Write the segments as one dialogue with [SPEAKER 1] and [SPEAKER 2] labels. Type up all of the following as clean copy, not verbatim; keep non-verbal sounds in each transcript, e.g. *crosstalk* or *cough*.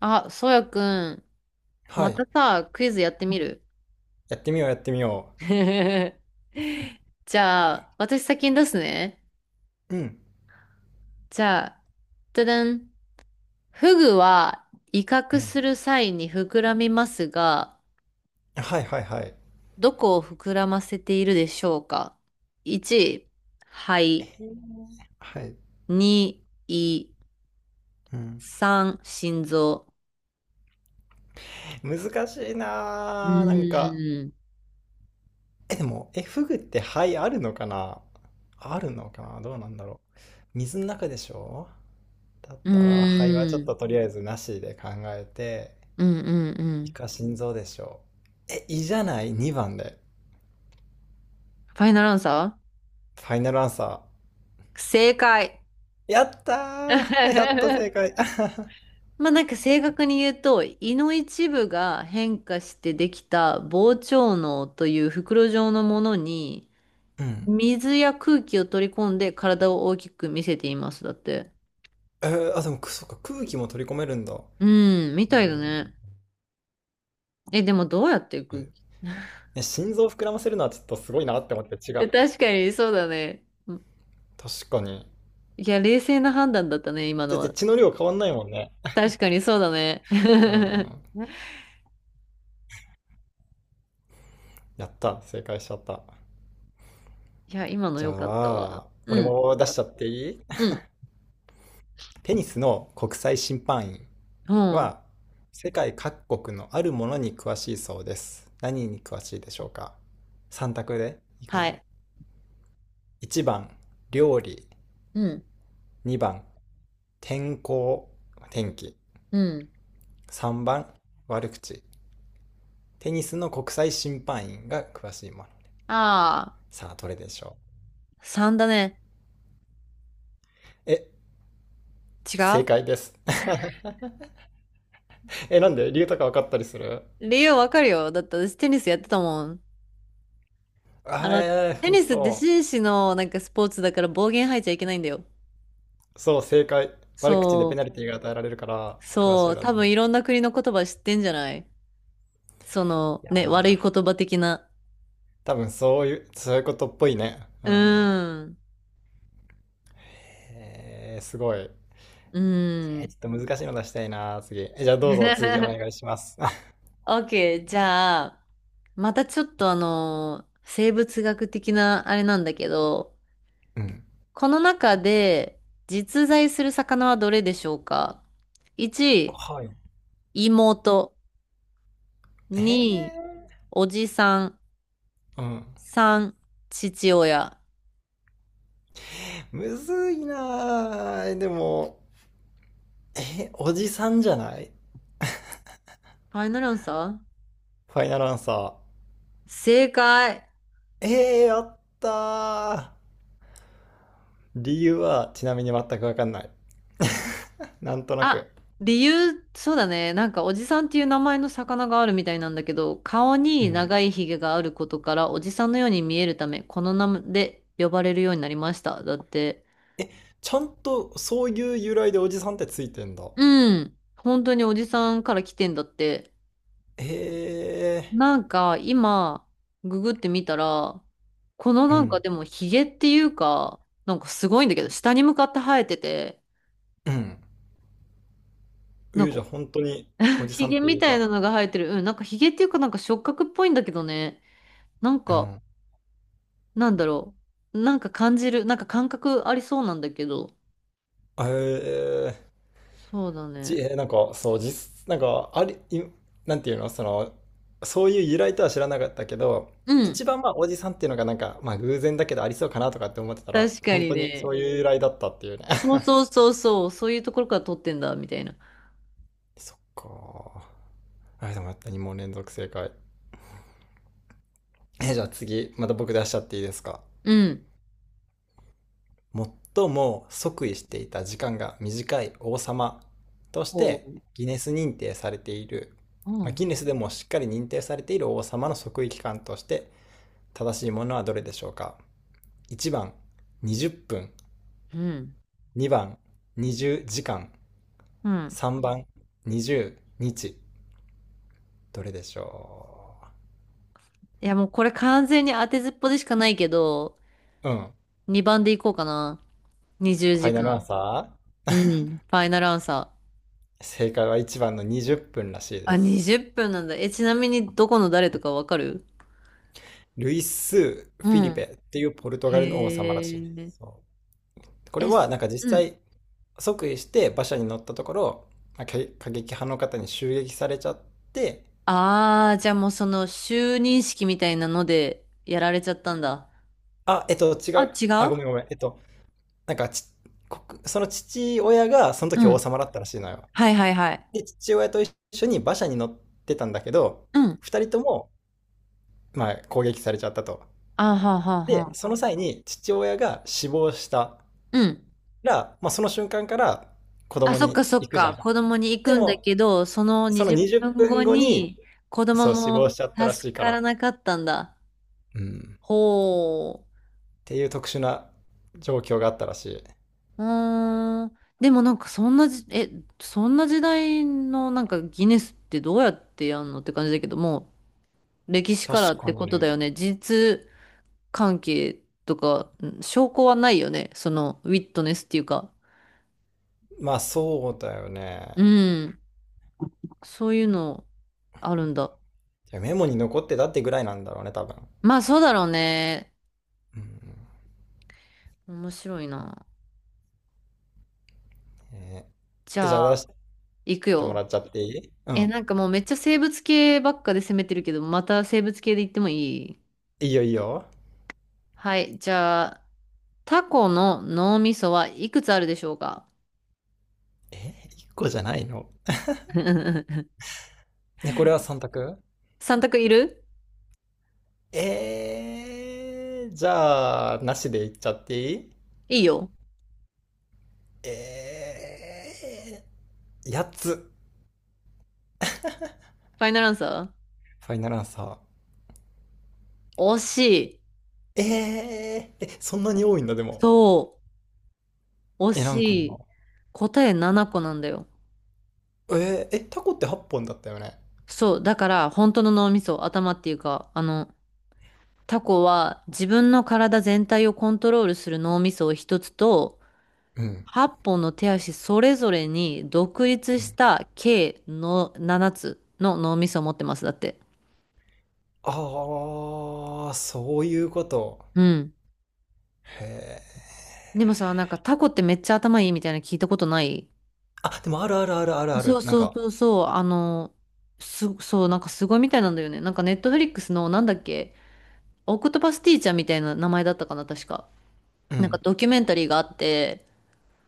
[SPEAKER 1] あ、そうやくん、
[SPEAKER 2] は
[SPEAKER 1] また
[SPEAKER 2] い。
[SPEAKER 1] さ、クイズやってみる？
[SPEAKER 2] やってみよう、やってみよ
[SPEAKER 1] *laughs* じゃあ、私先に出すね。
[SPEAKER 2] う。うん。
[SPEAKER 1] じゃあ、じゃじゃん。フグは威
[SPEAKER 2] う
[SPEAKER 1] 嚇
[SPEAKER 2] ん。
[SPEAKER 1] する際に膨らみますが、
[SPEAKER 2] はいはいはい。
[SPEAKER 1] どこを膨らませているでしょうか？ 1、肺。
[SPEAKER 2] はい。
[SPEAKER 1] 2、胃。
[SPEAKER 2] うん。
[SPEAKER 1] 3、心臓。
[SPEAKER 2] 難しい
[SPEAKER 1] う
[SPEAKER 2] なあ、なんか。
[SPEAKER 1] ーん。
[SPEAKER 2] え、でも、え、フグって肺あるのかな？どうなんだろう。水の中でしょ？だっ
[SPEAKER 1] う
[SPEAKER 2] たら、肺はちょ
[SPEAKER 1] ー
[SPEAKER 2] っ
[SPEAKER 1] ん。
[SPEAKER 2] ととりあえずなしで考えて、
[SPEAKER 1] うんうんう
[SPEAKER 2] イ
[SPEAKER 1] ん。
[SPEAKER 2] カ心臓でしょ？え、胃じゃない？2番で。
[SPEAKER 1] ファイナルアンサ
[SPEAKER 2] ファイナルアンサ
[SPEAKER 1] ー、正解。
[SPEAKER 2] ー。やったー、やっと正
[SPEAKER 1] *laughs*
[SPEAKER 2] 解。*laughs*
[SPEAKER 1] まあなんか正確に言うと、胃の一部が変化してできた膨張嚢という袋状のものに、
[SPEAKER 2] うん。
[SPEAKER 1] 水や空気を取り込んで体を大きく見せています。だって。
[SPEAKER 2] あ、でも、くそっか、空気も取り込めるんだ。
[SPEAKER 1] うん、みたいだね。え、でもどうやって空気 *laughs*
[SPEAKER 2] ね、心臓膨らませるのはちょっとすごいなって思って、違
[SPEAKER 1] え、
[SPEAKER 2] う。
[SPEAKER 1] 確かにそうだね。うん。
[SPEAKER 2] 確かに。
[SPEAKER 1] いや、冷静な判断だったね、今の
[SPEAKER 2] だって
[SPEAKER 1] は。
[SPEAKER 2] 血の量変わんないもんね。
[SPEAKER 1] 確かにそうだね。
[SPEAKER 2] うんう
[SPEAKER 1] *laughs*
[SPEAKER 2] ん、やった。正解しちゃった。
[SPEAKER 1] いや、今の
[SPEAKER 2] じゃ
[SPEAKER 1] 良かったわ。
[SPEAKER 2] あ、
[SPEAKER 1] う
[SPEAKER 2] 俺
[SPEAKER 1] ん、
[SPEAKER 2] も出しちゃっていい？
[SPEAKER 1] うん、
[SPEAKER 2] テニスの国際審判員
[SPEAKER 1] うん。
[SPEAKER 2] は、世界各国のあるものに詳しいそうです。何に詳しいでしょうか？ 3 択でいく
[SPEAKER 1] は
[SPEAKER 2] ね。
[SPEAKER 1] い。
[SPEAKER 2] 1番、料理。
[SPEAKER 1] うん、
[SPEAKER 2] 2番、天候、天気。
[SPEAKER 1] うん。
[SPEAKER 2] 3番、悪口。テニスの国際審判員が詳しいもの。
[SPEAKER 1] あ
[SPEAKER 2] さあ、どれでしょ
[SPEAKER 1] あ、3だね。
[SPEAKER 2] う。え、
[SPEAKER 1] 違
[SPEAKER 2] 正
[SPEAKER 1] う？
[SPEAKER 2] 解です。*laughs* え、なんで？理由とか分かったりする？
[SPEAKER 1] 理由わかるよ。だって私テニスやってたもん。あ
[SPEAKER 2] あー。
[SPEAKER 1] の、テニ
[SPEAKER 2] 本
[SPEAKER 1] スって
[SPEAKER 2] 当。
[SPEAKER 1] 紳士のなんかスポーツだから暴言吐いちゃいけないんだよ。
[SPEAKER 2] そう、正解。悪口でペ
[SPEAKER 1] そ
[SPEAKER 2] ナルティーが与えられるから、
[SPEAKER 1] う、
[SPEAKER 2] 詳し
[SPEAKER 1] そ
[SPEAKER 2] い
[SPEAKER 1] う、
[SPEAKER 2] ら
[SPEAKER 1] 多
[SPEAKER 2] しい。
[SPEAKER 1] 分
[SPEAKER 2] い
[SPEAKER 1] いろんな国の言葉知ってんじゃない？その、ね、
[SPEAKER 2] や、
[SPEAKER 1] 悪い言葉的な。
[SPEAKER 2] 多分そういう、そういうことっぽいね。
[SPEAKER 1] う
[SPEAKER 2] うん。
[SPEAKER 1] ーん、
[SPEAKER 2] すごい。
[SPEAKER 1] うーん。
[SPEAKER 2] ちょっと難しいの出したいな、次。え、じゃあどうぞ、次お
[SPEAKER 1] *laughs*
[SPEAKER 2] 願いします。*laughs*
[SPEAKER 1] OK、じゃあ、またちょっとあの、生物学的なあれなんだけど、
[SPEAKER 2] うん。
[SPEAKER 1] この中で実在する魚はどれでしょうか？ 1、
[SPEAKER 2] はい。
[SPEAKER 1] 妹。
[SPEAKER 2] え
[SPEAKER 1] 2、
[SPEAKER 2] ー、
[SPEAKER 1] おじさん。
[SPEAKER 2] うん。
[SPEAKER 1] 3、父親。
[SPEAKER 2] むずいなー。でも、え、おじさんじゃない？
[SPEAKER 1] ファイナルアンサー、
[SPEAKER 2] ファイナルアンサー。
[SPEAKER 1] 正解。
[SPEAKER 2] ええー、やったー。理由はちなみに全くわかんない。*laughs* なんとな
[SPEAKER 1] あ、
[SPEAKER 2] く。
[SPEAKER 1] 理由、そうだね。なんかおじさんっていう名前の魚があるみたいなんだけど、顔
[SPEAKER 2] う
[SPEAKER 1] に
[SPEAKER 2] ん。
[SPEAKER 1] 長いひげがあることから、おじさんのように見えるため、この名前で呼ばれるようになりました。だって。
[SPEAKER 2] え、ちゃんとそういう由来でおじさんってついてんだ。
[SPEAKER 1] うん。本当におじさんから来てんだって。
[SPEAKER 2] ええ
[SPEAKER 1] なんか今、ググってみたら、この
[SPEAKER 2] ー。う
[SPEAKER 1] なんか
[SPEAKER 2] ん。
[SPEAKER 1] でもヒゲっていうか、なんかすごいんだけど、下に向かって生えてて、
[SPEAKER 2] うん。う
[SPEAKER 1] なん
[SPEAKER 2] ゆ
[SPEAKER 1] か
[SPEAKER 2] じゃ本当に、お
[SPEAKER 1] *laughs*
[SPEAKER 2] じ
[SPEAKER 1] ヒ
[SPEAKER 2] さんっ
[SPEAKER 1] ゲ
[SPEAKER 2] てい
[SPEAKER 1] み
[SPEAKER 2] う
[SPEAKER 1] たい
[SPEAKER 2] か。
[SPEAKER 1] なのが生えてる。うん、なんかヒゲっていうかなんか触覚っぽいんだけどね。なん
[SPEAKER 2] う
[SPEAKER 1] か、
[SPEAKER 2] ん。
[SPEAKER 1] なんだろう。なんか感じる、なんか感覚ありそうなんだけど。
[SPEAKER 2] ええー。
[SPEAKER 1] そうだね。
[SPEAKER 2] なんか、そう、なんか、あり、いなんていうの、その、そういう由来とは知らなかったけど、
[SPEAKER 1] うん。
[SPEAKER 2] 一番まあ、おじさんっていうのがなんか、まあ、偶然だけどありそうかなとかって思ってたら、
[SPEAKER 1] 確か
[SPEAKER 2] 本
[SPEAKER 1] に
[SPEAKER 2] 当にそ
[SPEAKER 1] ね。
[SPEAKER 2] ういう由来だったっていうね。
[SPEAKER 1] そうそうそうそう、そういうところから撮ってんだ、みたいな。
[SPEAKER 2] *laughs* そっか。あれでもやった、2問連続正解。じゃあ次、また僕出しちゃっていいですか。
[SPEAKER 1] うん。
[SPEAKER 2] 最も即位していた時間が短い王様とし
[SPEAKER 1] お
[SPEAKER 2] て、
[SPEAKER 1] う。
[SPEAKER 2] ギネス認定されている、
[SPEAKER 1] う
[SPEAKER 2] まあ、ギ
[SPEAKER 1] ん。
[SPEAKER 2] ネスでもしっかり認定されている王様の即位期間として、正しいものはどれでしょうか？ 1 番、20分。
[SPEAKER 1] うん。
[SPEAKER 2] 2番、20時間。
[SPEAKER 1] うん。
[SPEAKER 2] 3番、20日。どれでしょ
[SPEAKER 1] いや、もうこれ完全に当てずっぽでしかないけど、
[SPEAKER 2] う？うん。
[SPEAKER 1] 2番でいこうかな。20
[SPEAKER 2] ファ
[SPEAKER 1] 時
[SPEAKER 2] イナルアン
[SPEAKER 1] 間。
[SPEAKER 2] サ
[SPEAKER 1] うん。ファイナルアンサー。
[SPEAKER 2] ー。正解は1番の20分らしいで
[SPEAKER 1] あ、
[SPEAKER 2] す。
[SPEAKER 1] 20分なんだ。え、ちなみにどこの誰とかわかる？
[SPEAKER 2] ルイス・フ
[SPEAKER 1] う
[SPEAKER 2] ィリペ
[SPEAKER 1] ん。
[SPEAKER 2] っていうポルト
[SPEAKER 1] へ
[SPEAKER 2] ガルの王様らしいで
[SPEAKER 1] え。
[SPEAKER 2] す。そう、これ
[SPEAKER 1] え、
[SPEAKER 2] は
[SPEAKER 1] す、
[SPEAKER 2] なんか実
[SPEAKER 1] うん。
[SPEAKER 2] 際即位して馬車に乗ったところ、過激派の方に襲撃されちゃって、
[SPEAKER 1] ああ、じゃあもうその就任式みたいなのでやられちゃったんだ。
[SPEAKER 2] あ、違
[SPEAKER 1] あ、
[SPEAKER 2] う。
[SPEAKER 1] 違
[SPEAKER 2] あ、ご
[SPEAKER 1] う？
[SPEAKER 2] めんごめん。なんか国、その父親がその
[SPEAKER 1] う
[SPEAKER 2] 時王
[SPEAKER 1] ん。
[SPEAKER 2] 様だったらしいのよ。
[SPEAKER 1] はいはいはい。
[SPEAKER 2] で、父親と一緒に馬車に乗ってたんだけど、
[SPEAKER 1] うん。
[SPEAKER 2] 二人とも、まあ、攻撃されちゃったと。
[SPEAKER 1] あはは
[SPEAKER 2] で、
[SPEAKER 1] は。
[SPEAKER 2] その際に父親が死亡した
[SPEAKER 1] うん。
[SPEAKER 2] ら、まあ、その瞬間から子
[SPEAKER 1] あ、
[SPEAKER 2] 供
[SPEAKER 1] そっか
[SPEAKER 2] に
[SPEAKER 1] そっ
[SPEAKER 2] 行くじゃ
[SPEAKER 1] か。
[SPEAKER 2] ん。
[SPEAKER 1] 子供に行
[SPEAKER 2] で
[SPEAKER 1] くんだ
[SPEAKER 2] も、
[SPEAKER 1] けど、その
[SPEAKER 2] その
[SPEAKER 1] 20
[SPEAKER 2] 20
[SPEAKER 1] 分
[SPEAKER 2] 分
[SPEAKER 1] 後
[SPEAKER 2] 後に、
[SPEAKER 1] に子供
[SPEAKER 2] そう、死亡
[SPEAKER 1] も
[SPEAKER 2] しちゃったらし
[SPEAKER 1] 助
[SPEAKER 2] いか
[SPEAKER 1] か
[SPEAKER 2] ら。
[SPEAKER 1] らなかったんだ。
[SPEAKER 2] うん。
[SPEAKER 1] ほ
[SPEAKER 2] っていう特殊な状況があったらしい。
[SPEAKER 1] う。うーん。でもなんかそんなじ、え、そんな時代のなんかギネスってどうやってやんのって感じだけども、歴史
[SPEAKER 2] 確
[SPEAKER 1] からっ
[SPEAKER 2] か
[SPEAKER 1] て
[SPEAKER 2] に
[SPEAKER 1] こと
[SPEAKER 2] ね。
[SPEAKER 1] だよね。事実関係とか、うん、証拠はないよね。そのウィットネスっていうか。
[SPEAKER 2] まあ、そうだよ
[SPEAKER 1] う
[SPEAKER 2] ね。
[SPEAKER 1] ん。そういうのあるんだ。
[SPEAKER 2] いや、メモに残ってたってぐらいなんだろうね、多分。
[SPEAKER 1] まあそうだろうね。
[SPEAKER 2] うん。
[SPEAKER 1] 面白いな。
[SPEAKER 2] え
[SPEAKER 1] じ
[SPEAKER 2] じ
[SPEAKER 1] ゃ
[SPEAKER 2] ゃあ出
[SPEAKER 1] あ、
[SPEAKER 2] し
[SPEAKER 1] 行く
[SPEAKER 2] ても
[SPEAKER 1] よ。
[SPEAKER 2] らっちゃっていい？う
[SPEAKER 1] え、
[SPEAKER 2] ん。
[SPEAKER 1] なんかもうめっちゃ生物系ばっかで攻めてるけど、また生物系で行ってもいい？
[SPEAKER 2] いいよいいよ。
[SPEAKER 1] はい、じゃあ、タコの脳みそはいくつあるでしょうか？
[SPEAKER 2] えー、1個じゃないの？
[SPEAKER 1] *laughs*
[SPEAKER 2] ね、これは3択？
[SPEAKER 1] 三択いる？
[SPEAKER 2] じゃあ、なしでいっちゃっていい？
[SPEAKER 1] いいよ。
[SPEAKER 2] え8つ。
[SPEAKER 1] ファイナルアンサ
[SPEAKER 2] ファイナルアンサー。
[SPEAKER 1] ー、惜しい。
[SPEAKER 2] え、そんなに多いんだ、でも。
[SPEAKER 1] そう、惜
[SPEAKER 2] え、
[SPEAKER 1] し
[SPEAKER 2] 何個な
[SPEAKER 1] い。
[SPEAKER 2] の？
[SPEAKER 1] 答え7個なんだよ。
[SPEAKER 2] え、タコって8本だったよね。
[SPEAKER 1] そう、だから本当の脳みそ、頭っていうか、あの、タコは自分の体全体をコントロールする脳みそを一つと、
[SPEAKER 2] うん。
[SPEAKER 1] 8本の手足それぞれに独立
[SPEAKER 2] う
[SPEAKER 1] し
[SPEAKER 2] ん。
[SPEAKER 1] た計の7つの脳みそを持ってます。だって。
[SPEAKER 2] ああ、そういうこと。
[SPEAKER 1] うん。
[SPEAKER 2] へえ。
[SPEAKER 1] でもさ、なんかタコってめっちゃ頭いいみたいな聞いたことない？
[SPEAKER 2] あ、でもあるあるあるあるあ
[SPEAKER 1] そ
[SPEAKER 2] る。
[SPEAKER 1] う
[SPEAKER 2] なん
[SPEAKER 1] そう
[SPEAKER 2] か、
[SPEAKER 1] そうそう。あの、す、そう、なんかすごいみたいなんだよね。なんかネットフリックスのなんだっけ、オクトパスティーチャーみたいな名前だったかな、確か。
[SPEAKER 2] う
[SPEAKER 1] なんか
[SPEAKER 2] ん、
[SPEAKER 1] ドキュメンタリーがあって、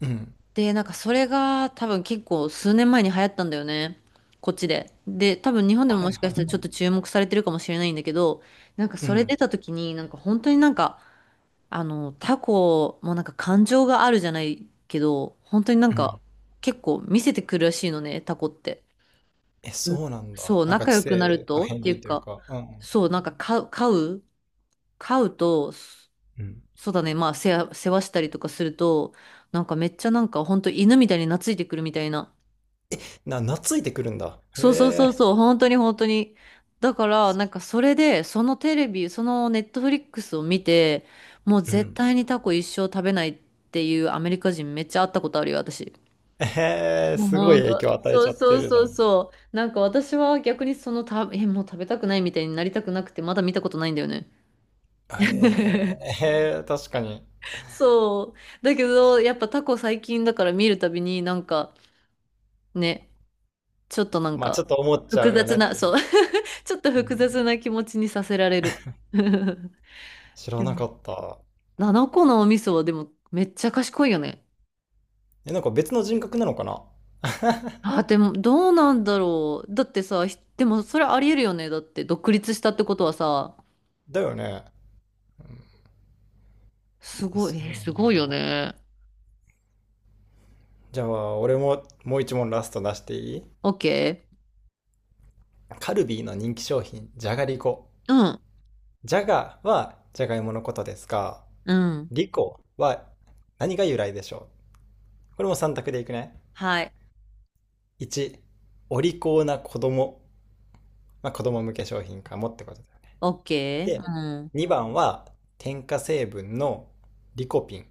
[SPEAKER 2] うん。
[SPEAKER 1] で、なんかそれが多分結構数年前に流行ったんだよね。こっちで。で、多分日本でも
[SPEAKER 2] は
[SPEAKER 1] も
[SPEAKER 2] い
[SPEAKER 1] しか
[SPEAKER 2] は
[SPEAKER 1] し
[SPEAKER 2] い
[SPEAKER 1] たらち
[SPEAKER 2] は
[SPEAKER 1] ょっと
[SPEAKER 2] い。
[SPEAKER 1] 注目されてるかもしれないんだけど、なんか
[SPEAKER 2] う
[SPEAKER 1] それ出
[SPEAKER 2] ん。
[SPEAKER 1] た時に、なんか本当になんか、あの、タコもなんか感情があるじゃないけど、本当になん
[SPEAKER 2] うん。
[SPEAKER 1] か結構見せてくるらしいのね、タコって。
[SPEAKER 2] え、そうなんだ。
[SPEAKER 1] そう、
[SPEAKER 2] なんか
[SPEAKER 1] 仲
[SPEAKER 2] 知
[SPEAKER 1] 良く
[SPEAKER 2] 性
[SPEAKER 1] なる
[SPEAKER 2] の
[SPEAKER 1] と
[SPEAKER 2] 片
[SPEAKER 1] ってい
[SPEAKER 2] 鱗
[SPEAKER 1] う
[SPEAKER 2] という
[SPEAKER 1] か、
[SPEAKER 2] か。うん。
[SPEAKER 1] そう、なんか飼うと、そ、
[SPEAKER 2] うん。
[SPEAKER 1] そうだね、まあ世話、世話したりとかすると、なんかめっちゃなんか本当犬みたいに懐いてくるみたいな。
[SPEAKER 2] 懐いてくるんだ。
[SPEAKER 1] そうそうそう
[SPEAKER 2] へ
[SPEAKER 1] そう、本当に本当に。だから、なんかそれで、そのテレビ、そのネットフリックスを見て、もう
[SPEAKER 2] え。う
[SPEAKER 1] 絶
[SPEAKER 2] ん。
[SPEAKER 1] 対にタコ一生食べないっていうアメリカ人めっちゃ会ったことあるよ、私。もう
[SPEAKER 2] すごい
[SPEAKER 1] 本
[SPEAKER 2] 影
[SPEAKER 1] 当。
[SPEAKER 2] 響与え
[SPEAKER 1] そ
[SPEAKER 2] ち
[SPEAKER 1] う
[SPEAKER 2] ゃって
[SPEAKER 1] そう
[SPEAKER 2] るじゃ
[SPEAKER 1] そう
[SPEAKER 2] ん。
[SPEAKER 1] そう。なんか私は逆にそのた、え、もう食べたくないみたいになりたくなくて、まだ見たことないんだよね。
[SPEAKER 2] え
[SPEAKER 1] *laughs*
[SPEAKER 2] 確かに。
[SPEAKER 1] そう。だけど、やっぱタコ最近だから見るたびになんか、ね、ちょっとなん
[SPEAKER 2] まあちょっ
[SPEAKER 1] か
[SPEAKER 2] と思っちゃ
[SPEAKER 1] 複
[SPEAKER 2] うよ
[SPEAKER 1] 雑
[SPEAKER 2] ねっ
[SPEAKER 1] な、
[SPEAKER 2] ていう。
[SPEAKER 1] そう。ちょっと
[SPEAKER 2] う
[SPEAKER 1] 複
[SPEAKER 2] ん、
[SPEAKER 1] 雑な気持ちにさせられる。*laughs*
[SPEAKER 2] 知ら
[SPEAKER 1] で
[SPEAKER 2] な
[SPEAKER 1] も、
[SPEAKER 2] かった。
[SPEAKER 1] 個のお味噌はでもめっちゃ賢いよね。
[SPEAKER 2] え、なんか別の人格なのかな？
[SPEAKER 1] あ、でもどうなんだろう。だってさ、ひ、でもそれありえるよね。だって独立したってことはさ、
[SPEAKER 2] だよね。うん、
[SPEAKER 1] す
[SPEAKER 2] え、
[SPEAKER 1] ごい、
[SPEAKER 2] そ
[SPEAKER 1] え
[SPEAKER 2] う
[SPEAKER 1] ー
[SPEAKER 2] なん
[SPEAKER 1] すごいよ
[SPEAKER 2] だ。
[SPEAKER 1] ね。
[SPEAKER 2] じゃあ、俺ももう一問ラスト出していい？
[SPEAKER 1] OK？
[SPEAKER 2] カルビーの人気商品、じゃがりこ。
[SPEAKER 1] うん。
[SPEAKER 2] じゃがはじゃがいものことですが、
[SPEAKER 1] うん。
[SPEAKER 2] リコは何が由来でしょう？これも3択でいくね。
[SPEAKER 1] はい。
[SPEAKER 2] 1、お利口な子供。まあ、子供向け商品かもってことだよね。
[SPEAKER 1] OK？ う
[SPEAKER 2] で、
[SPEAKER 1] ん。
[SPEAKER 2] 2番は添加成分のリコピン。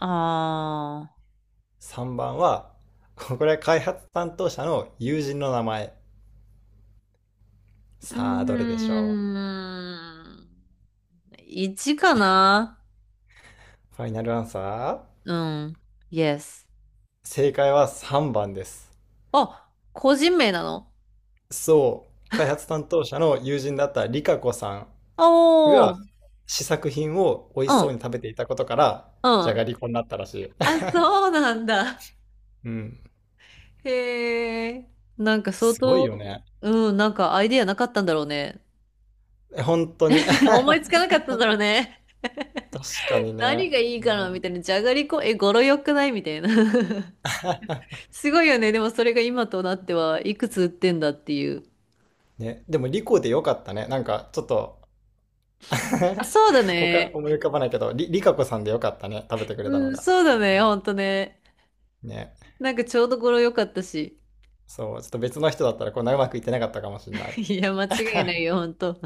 [SPEAKER 1] あ
[SPEAKER 2] 3番は、これは開発担当者の友人の名前。
[SPEAKER 1] ー。う
[SPEAKER 2] さあ、どれでしょ
[SPEAKER 1] ーん。1かな？
[SPEAKER 2] う？ファイナルアンサー。
[SPEAKER 1] うん。Yes。
[SPEAKER 2] 正解は3番です。
[SPEAKER 1] あ、個人名なの？
[SPEAKER 2] そう、開発担当者の友人だったリカ子さん
[SPEAKER 1] お
[SPEAKER 2] が
[SPEAKER 1] ー。
[SPEAKER 2] 試作品を美味
[SPEAKER 1] う
[SPEAKER 2] しそ
[SPEAKER 1] ん、
[SPEAKER 2] うに食べていたことから、
[SPEAKER 1] う
[SPEAKER 2] じゃ
[SPEAKER 1] ん。
[SPEAKER 2] がりこになったらしい。
[SPEAKER 1] あ、
[SPEAKER 2] *laughs*
[SPEAKER 1] そうなんだ。
[SPEAKER 2] うん。
[SPEAKER 1] へえ。なんか相
[SPEAKER 2] すごいよ
[SPEAKER 1] 当、
[SPEAKER 2] ね。
[SPEAKER 1] うん、なんかアイデアなかったんだろうね。
[SPEAKER 2] 本当に。*laughs*
[SPEAKER 1] *laughs* 思いつ
[SPEAKER 2] 確
[SPEAKER 1] かなかったんだろうね。
[SPEAKER 2] かに
[SPEAKER 1] 何
[SPEAKER 2] ね。
[SPEAKER 1] がいい
[SPEAKER 2] う
[SPEAKER 1] かなみ
[SPEAKER 2] ん。
[SPEAKER 1] たいな。じゃがりこ、え、語呂良くないみたいな。*laughs*
[SPEAKER 2] *laughs*
[SPEAKER 1] すごいよね。でもそれが今となってはいくつ売ってんだっていう。
[SPEAKER 2] ね、でも、リコでよかったね。なんか、ちょっと
[SPEAKER 1] あ、
[SPEAKER 2] *laughs*
[SPEAKER 1] そうだ
[SPEAKER 2] 他
[SPEAKER 1] ね。
[SPEAKER 2] 思い浮かばないけど、リカコさんでよかったね。食べてくれた
[SPEAKER 1] う
[SPEAKER 2] の
[SPEAKER 1] ん、
[SPEAKER 2] が。
[SPEAKER 1] そうだね。ほんとね。
[SPEAKER 2] ね。
[SPEAKER 1] なんかちょうど語呂良かったし。
[SPEAKER 2] そう、ちょっと別の人だったらこんなうまくいってなかったかもしれな
[SPEAKER 1] *laughs*
[SPEAKER 2] い。
[SPEAKER 1] いや、間違いないよ、ほんと。